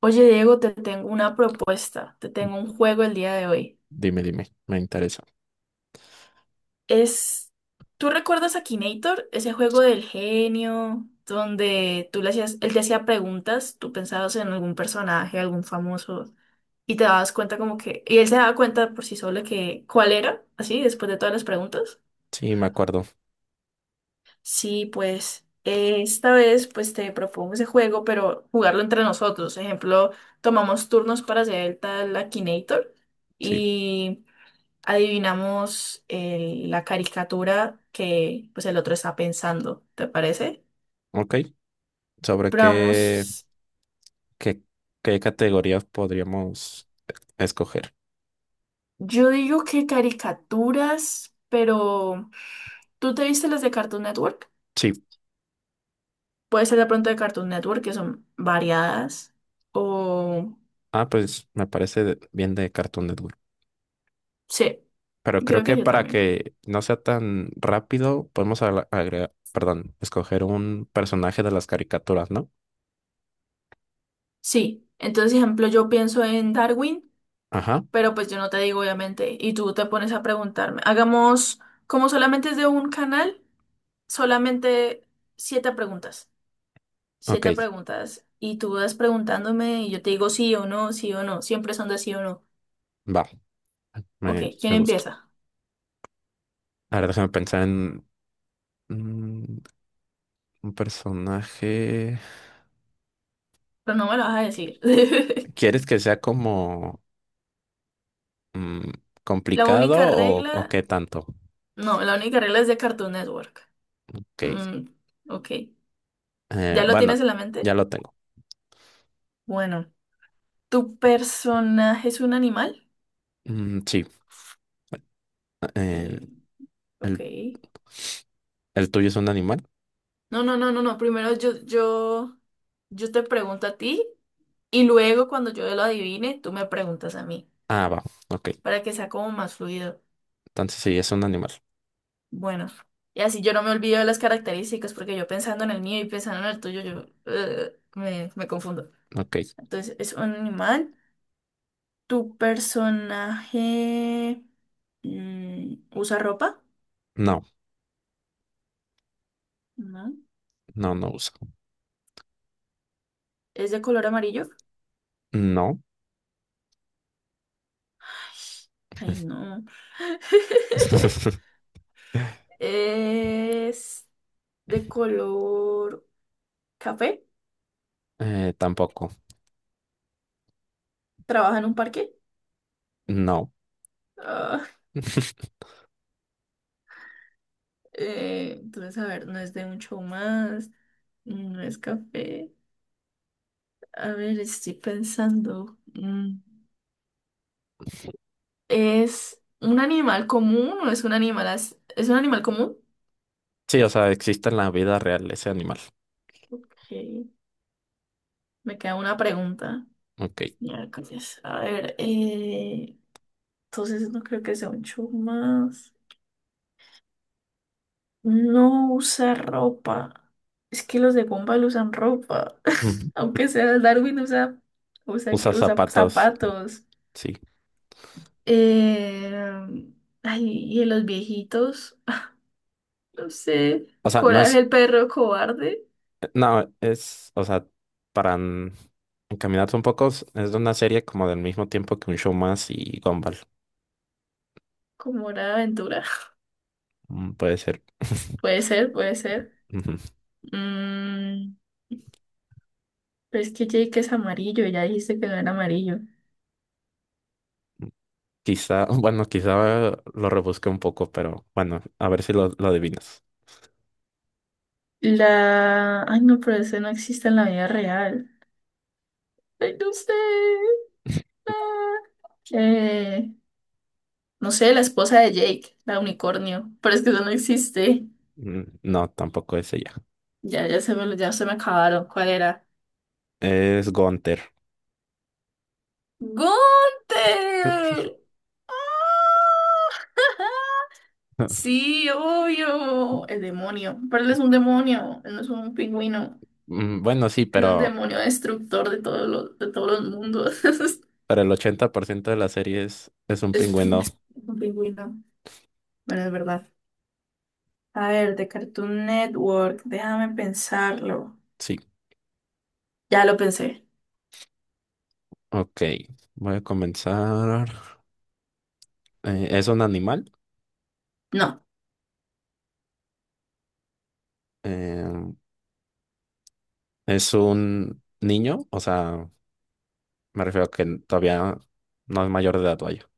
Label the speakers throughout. Speaker 1: Oye, Diego, te tengo una propuesta, te tengo un juego el día de hoy.
Speaker 2: Dime, me interesa.
Speaker 1: Es, ¿tú recuerdas a Kinator? Ese juego del genio, donde tú le hacías, él te hacía preguntas, tú pensabas en algún personaje, algún famoso, y te dabas cuenta como que, y él se daba cuenta por sí solo que cuál era, así, después de todas las preguntas.
Speaker 2: Sí, me acuerdo.
Speaker 1: Sí, pues esta vez pues te propongo ese juego, pero jugarlo entre nosotros. Ejemplo, tomamos turnos para hacer el tal Akinator
Speaker 2: Sí,
Speaker 1: y adivinamos la caricatura que pues el otro está pensando, ¿te parece?
Speaker 2: ok. ¿Sobre
Speaker 1: Pero vamos,
Speaker 2: qué, qué categorías podríamos escoger?
Speaker 1: yo digo que caricaturas, pero ¿tú te viste las de Cartoon Network?
Speaker 2: Sí.
Speaker 1: Puede ser de pronto de Cartoon Network, que son variadas, o...
Speaker 2: Ah, pues me parece bien de Cartoon Network.
Speaker 1: Sí,
Speaker 2: Pero creo
Speaker 1: creo
Speaker 2: que
Speaker 1: que yo
Speaker 2: para
Speaker 1: también.
Speaker 2: que no sea tan rápido, podemos agregar, perdón, escoger un personaje de las caricaturas, ¿no?
Speaker 1: Sí, entonces, ejemplo, yo pienso en Darwin,
Speaker 2: Ajá,
Speaker 1: pero pues yo no te digo, obviamente, y tú te pones a preguntarme. Hagamos, como solamente es de un canal, solamente siete preguntas.
Speaker 2: ok,
Speaker 1: Siete preguntas. Y tú vas preguntándome y yo te digo sí o no, sí o no. Siempre son de sí o no.
Speaker 2: va.
Speaker 1: Ok,
Speaker 2: Me,
Speaker 1: ¿quién
Speaker 2: me gusta.
Speaker 1: empieza?
Speaker 2: A ver, déjame pensar en mm, un personaje.
Speaker 1: Pero no me lo vas a decir.
Speaker 2: ¿Quieres que sea como... Mm,
Speaker 1: La
Speaker 2: ¿complicado
Speaker 1: única
Speaker 2: o qué
Speaker 1: regla.
Speaker 2: tanto?
Speaker 1: No, la única regla es de Cartoon Network.
Speaker 2: Ok.
Speaker 1: Mm, ok. ¿Ya lo
Speaker 2: Bueno,
Speaker 1: tienes en la
Speaker 2: ya
Speaker 1: mente?
Speaker 2: lo tengo.
Speaker 1: Bueno, ¿tu personaje es un animal?
Speaker 2: Mm, sí. eh,
Speaker 1: Y. Ok.
Speaker 2: el, ¿el tuyo es un animal?
Speaker 1: No, no, no, no, no. Primero yo te pregunto a ti y luego cuando yo lo adivine, tú me preguntas a mí
Speaker 2: Ah, va. Ok.
Speaker 1: para que sea como más fluido.
Speaker 2: Entonces sí, es un animal.
Speaker 1: Bueno, y así yo no me olvido de las características porque yo pensando en el mío y pensando en el tuyo, yo me confundo.
Speaker 2: Ok.
Speaker 1: Entonces, es un animal. ¿Tu personaje usa ropa?
Speaker 2: No,
Speaker 1: No.
Speaker 2: no uso.
Speaker 1: ¿Es de color amarillo?
Speaker 2: No.
Speaker 1: Ay, no. ¿Es de color café?
Speaker 2: Tampoco.
Speaker 1: ¿Trabaja en un parque?
Speaker 2: No.
Speaker 1: Ah, entonces, a ver, no es de un show más, no es café. A ver, estoy pensando. Mm, ¿es un animal común o es un es un animal común?
Speaker 2: Sí, o sea, existe en la vida real ese animal.
Speaker 1: Ok, me queda una pregunta.
Speaker 2: Ok.
Speaker 1: Miércoles. A ver, entonces no creo que sea un chumas. No usa ropa. Es que los de Gumball usan ropa.
Speaker 2: Ujú.
Speaker 1: Aunque sea Darwin
Speaker 2: Usa
Speaker 1: usa
Speaker 2: zapatos.
Speaker 1: zapatos.
Speaker 2: Sí.
Speaker 1: Eh, ay, y en los viejitos, no sé.
Speaker 2: O sea, no
Speaker 1: Coraje
Speaker 2: es.
Speaker 1: el perro cobarde.
Speaker 2: No, es, o sea, para encaminarte un poco, es de una serie como del mismo tiempo que un show más y Gumball.
Speaker 1: Como hora de aventura.
Speaker 2: Puede ser.
Speaker 1: Puede ser, puede ser.
Speaker 2: Ujú.
Speaker 1: Mm, pero es que Jake es amarillo, ya dijiste que no era amarillo.
Speaker 2: Quizá, bueno, quizá lo rebusque un poco, pero bueno, a ver si lo adivinas.
Speaker 1: La... Ay, no, pero ese no existe en la vida real. Ay, no sé. Ah, eh, no sé, la esposa de Jake, la unicornio. Pero es que eso no existe.
Speaker 2: Mm, no, tampoco es ella.
Speaker 1: Ya, ya se me acabaron. ¿Cuál era?
Speaker 2: Es Gunther.
Speaker 1: ¡Gunther! Sí, obvio. El demonio. Pero él es un demonio. Él no es un pingüino.
Speaker 2: Mm, bueno, sí,
Speaker 1: Es un demonio destructor de de todos los mundos.
Speaker 2: pero el 80% de la serie es un
Speaker 1: Es un es
Speaker 2: pingüino.
Speaker 1: un pingüino. Bueno, es verdad. A ver, de Cartoon Network, déjame pensarlo.
Speaker 2: Sí,
Speaker 1: Ya lo pensé.
Speaker 2: ok. Voy a comenzar. ¿Es un animal?
Speaker 1: No.
Speaker 2: Em, Es un niño, o sea, me refiero a que todavía no es mayor de edad, vaya.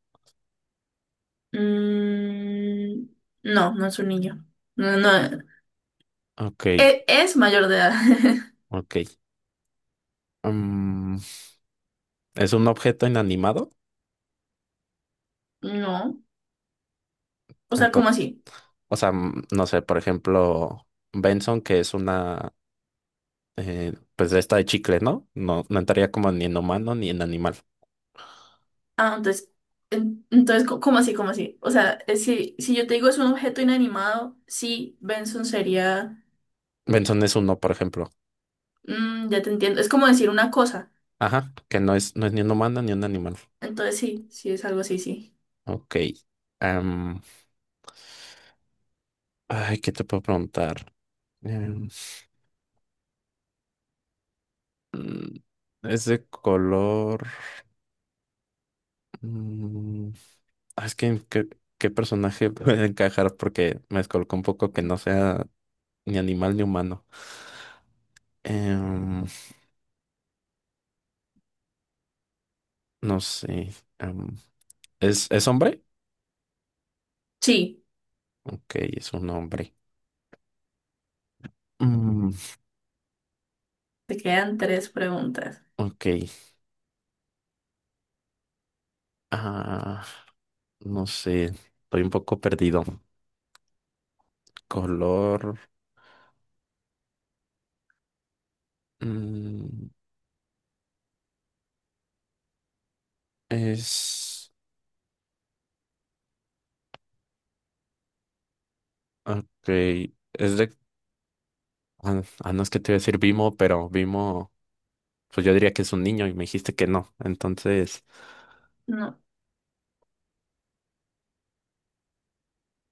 Speaker 1: Mm, no, no es un niño. No, no.
Speaker 2: Ok,
Speaker 1: Es, mayor de edad.
Speaker 2: ok. Mm, es un objeto inanimado.
Speaker 1: No. O sea, ¿cómo
Speaker 2: Ento-
Speaker 1: así?
Speaker 2: o sea, no sé, por ejemplo, Benson, que es una, pues de esta de chicle, ¿no? No, no entraría como ni en humano ni en animal.
Speaker 1: Ah, entonces, entonces, ¿cómo así? ¿Cómo así? O sea, si, si yo te digo es un objeto inanimado, sí, Benson sería.
Speaker 2: Benson es uno, por ejemplo.
Speaker 1: Mm, ya te entiendo. Es como decir una cosa.
Speaker 2: Ajá, que no es, no es ni un humano ni un animal.
Speaker 1: Entonces sí, sí es algo así, sí.
Speaker 2: Ok. Am, ay, ¿qué te puedo preguntar? Em, mm, es de color. Mm, ah, es que qué personaje puede encajar porque me descolocó un poco que no sea ni animal ni humano. Em, no sé. em, es hombre?
Speaker 1: Sí,
Speaker 2: Ok, es un hombre. Mm,
Speaker 1: te quedan tres preguntas.
Speaker 2: ok. Ah, no sé. Estoy un poco perdido. Color. mm, es. Ok. Es de. No es que te iba a decir Vimo, pero Vimo. Pues yo diría que es un niño y me dijiste que no. Entonces.
Speaker 1: No.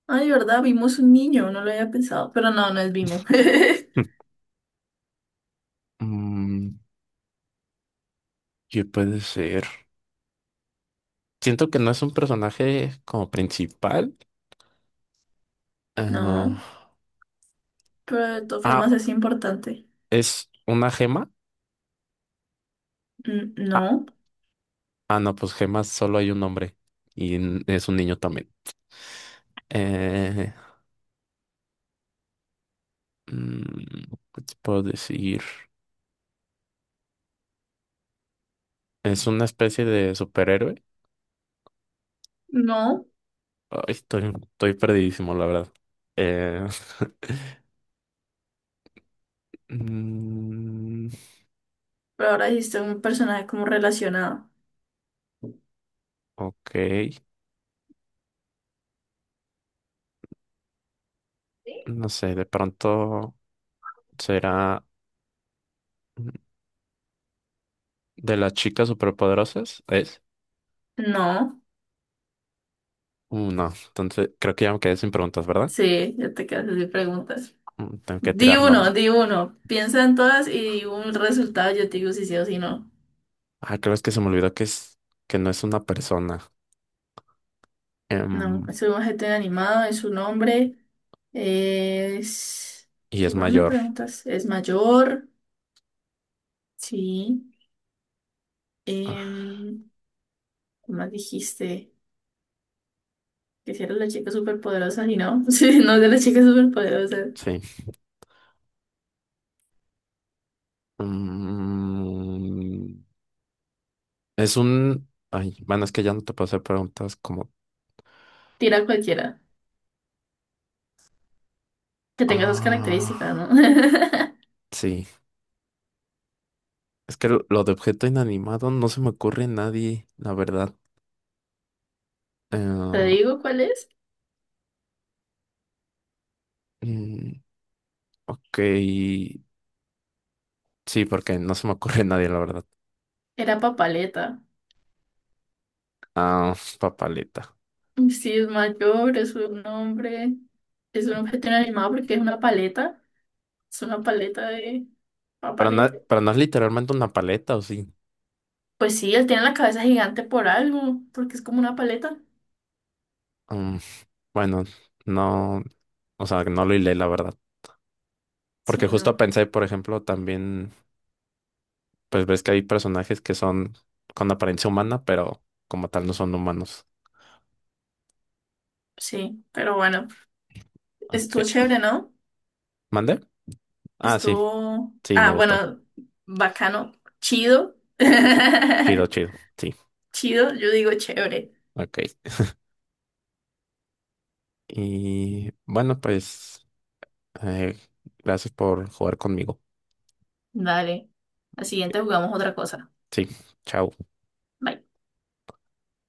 Speaker 1: Ay, ¿verdad? Vimos un niño, no lo había pensado, pero no, no es Vimo.
Speaker 2: Mm, ¿qué puede ser? Siento que no es un personaje como principal.
Speaker 1: No,
Speaker 2: ah,
Speaker 1: pero de todas
Speaker 2: ah,
Speaker 1: formas es importante.
Speaker 2: ¿Es una gema?
Speaker 1: Mm,
Speaker 2: Ah,
Speaker 1: no,
Speaker 2: no, pues gemas solo hay un hombre y es un niño también. Eh, mm, ¿Qué te puedo decir? ¿Es una especie de superhéroe?
Speaker 1: no,
Speaker 2: Ay, estoy perdidísimo, la verdad. Eh, mm,
Speaker 1: pero ahora dijiste un personaje como relacionado.
Speaker 2: ok, no sé, de pronto será... ¿De las chicas superpoderosas? ¿Es?
Speaker 1: No,
Speaker 2: No, entonces creo que ya me quedé sin preguntas, ¿verdad?
Speaker 1: sí, ya te quedas sin preguntas.
Speaker 2: Mm, tengo que
Speaker 1: Di
Speaker 2: tirar
Speaker 1: uno,
Speaker 2: nombres.
Speaker 1: di uno. Piensa en todas y di un resultado, yo te digo si sí o si no.
Speaker 2: Ah, creo es que se me olvidó que es que no es una persona,
Speaker 1: No,
Speaker 2: em,
Speaker 1: es un GT animado, es un hombre, es...
Speaker 2: y es
Speaker 1: ¿Qué más me
Speaker 2: mayor.
Speaker 1: preguntas? Es mayor, sí.
Speaker 2: Ah,
Speaker 1: Em, ¿qué más dijiste? Que si era la chica superpoderosa y no, sí, no es de la chica superpoderosa.
Speaker 2: sí. Mm, es un. Ay, bueno, es que ya no te puedo hacer preguntas como.
Speaker 1: Tira a cualquiera, que tenga esas
Speaker 2: Ah,
Speaker 1: características, ¿no?
Speaker 2: sí. Es que lo de objeto inanimado no se me ocurre a nadie, la verdad.
Speaker 1: Te
Speaker 2: Eh,
Speaker 1: digo cuál es.
Speaker 2: mm, ok. Sí, porque no se me ocurre a nadie, la verdad.
Speaker 1: Era Papaleta.
Speaker 2: Ah, papaleta.
Speaker 1: Sí, es mayor, es un hombre, es un objeto inanimado porque es una paleta de
Speaker 2: Pero
Speaker 1: papaleta.
Speaker 2: no, pero no es literalmente una paleta, ¿o sí?
Speaker 1: Pues sí, él tiene la cabeza gigante por algo, porque es como una paleta.
Speaker 2: Mm, bueno, no, o sea, no lo hilé, la verdad. Porque
Speaker 1: Sí,
Speaker 2: justo
Speaker 1: no.
Speaker 2: pensé, por ejemplo, también, pues ves que hay personajes que son con apariencia humana, pero como tal no son humanos.
Speaker 1: Sí, pero bueno,
Speaker 2: Ok.
Speaker 1: estuvo chévere, ¿no?
Speaker 2: ¿Mande? Ah, sí,
Speaker 1: Estuvo,
Speaker 2: sí, me
Speaker 1: ah,
Speaker 2: gustó.
Speaker 1: bueno, bacano, chido.
Speaker 2: Chido, chido, sí.
Speaker 1: Chido, yo digo chévere.
Speaker 2: Ok. Y bueno, pues, eh, gracias por jugar conmigo.
Speaker 1: Dale. Al siguiente jugamos otra cosa.
Speaker 2: Sí, chao.
Speaker 1: Bye.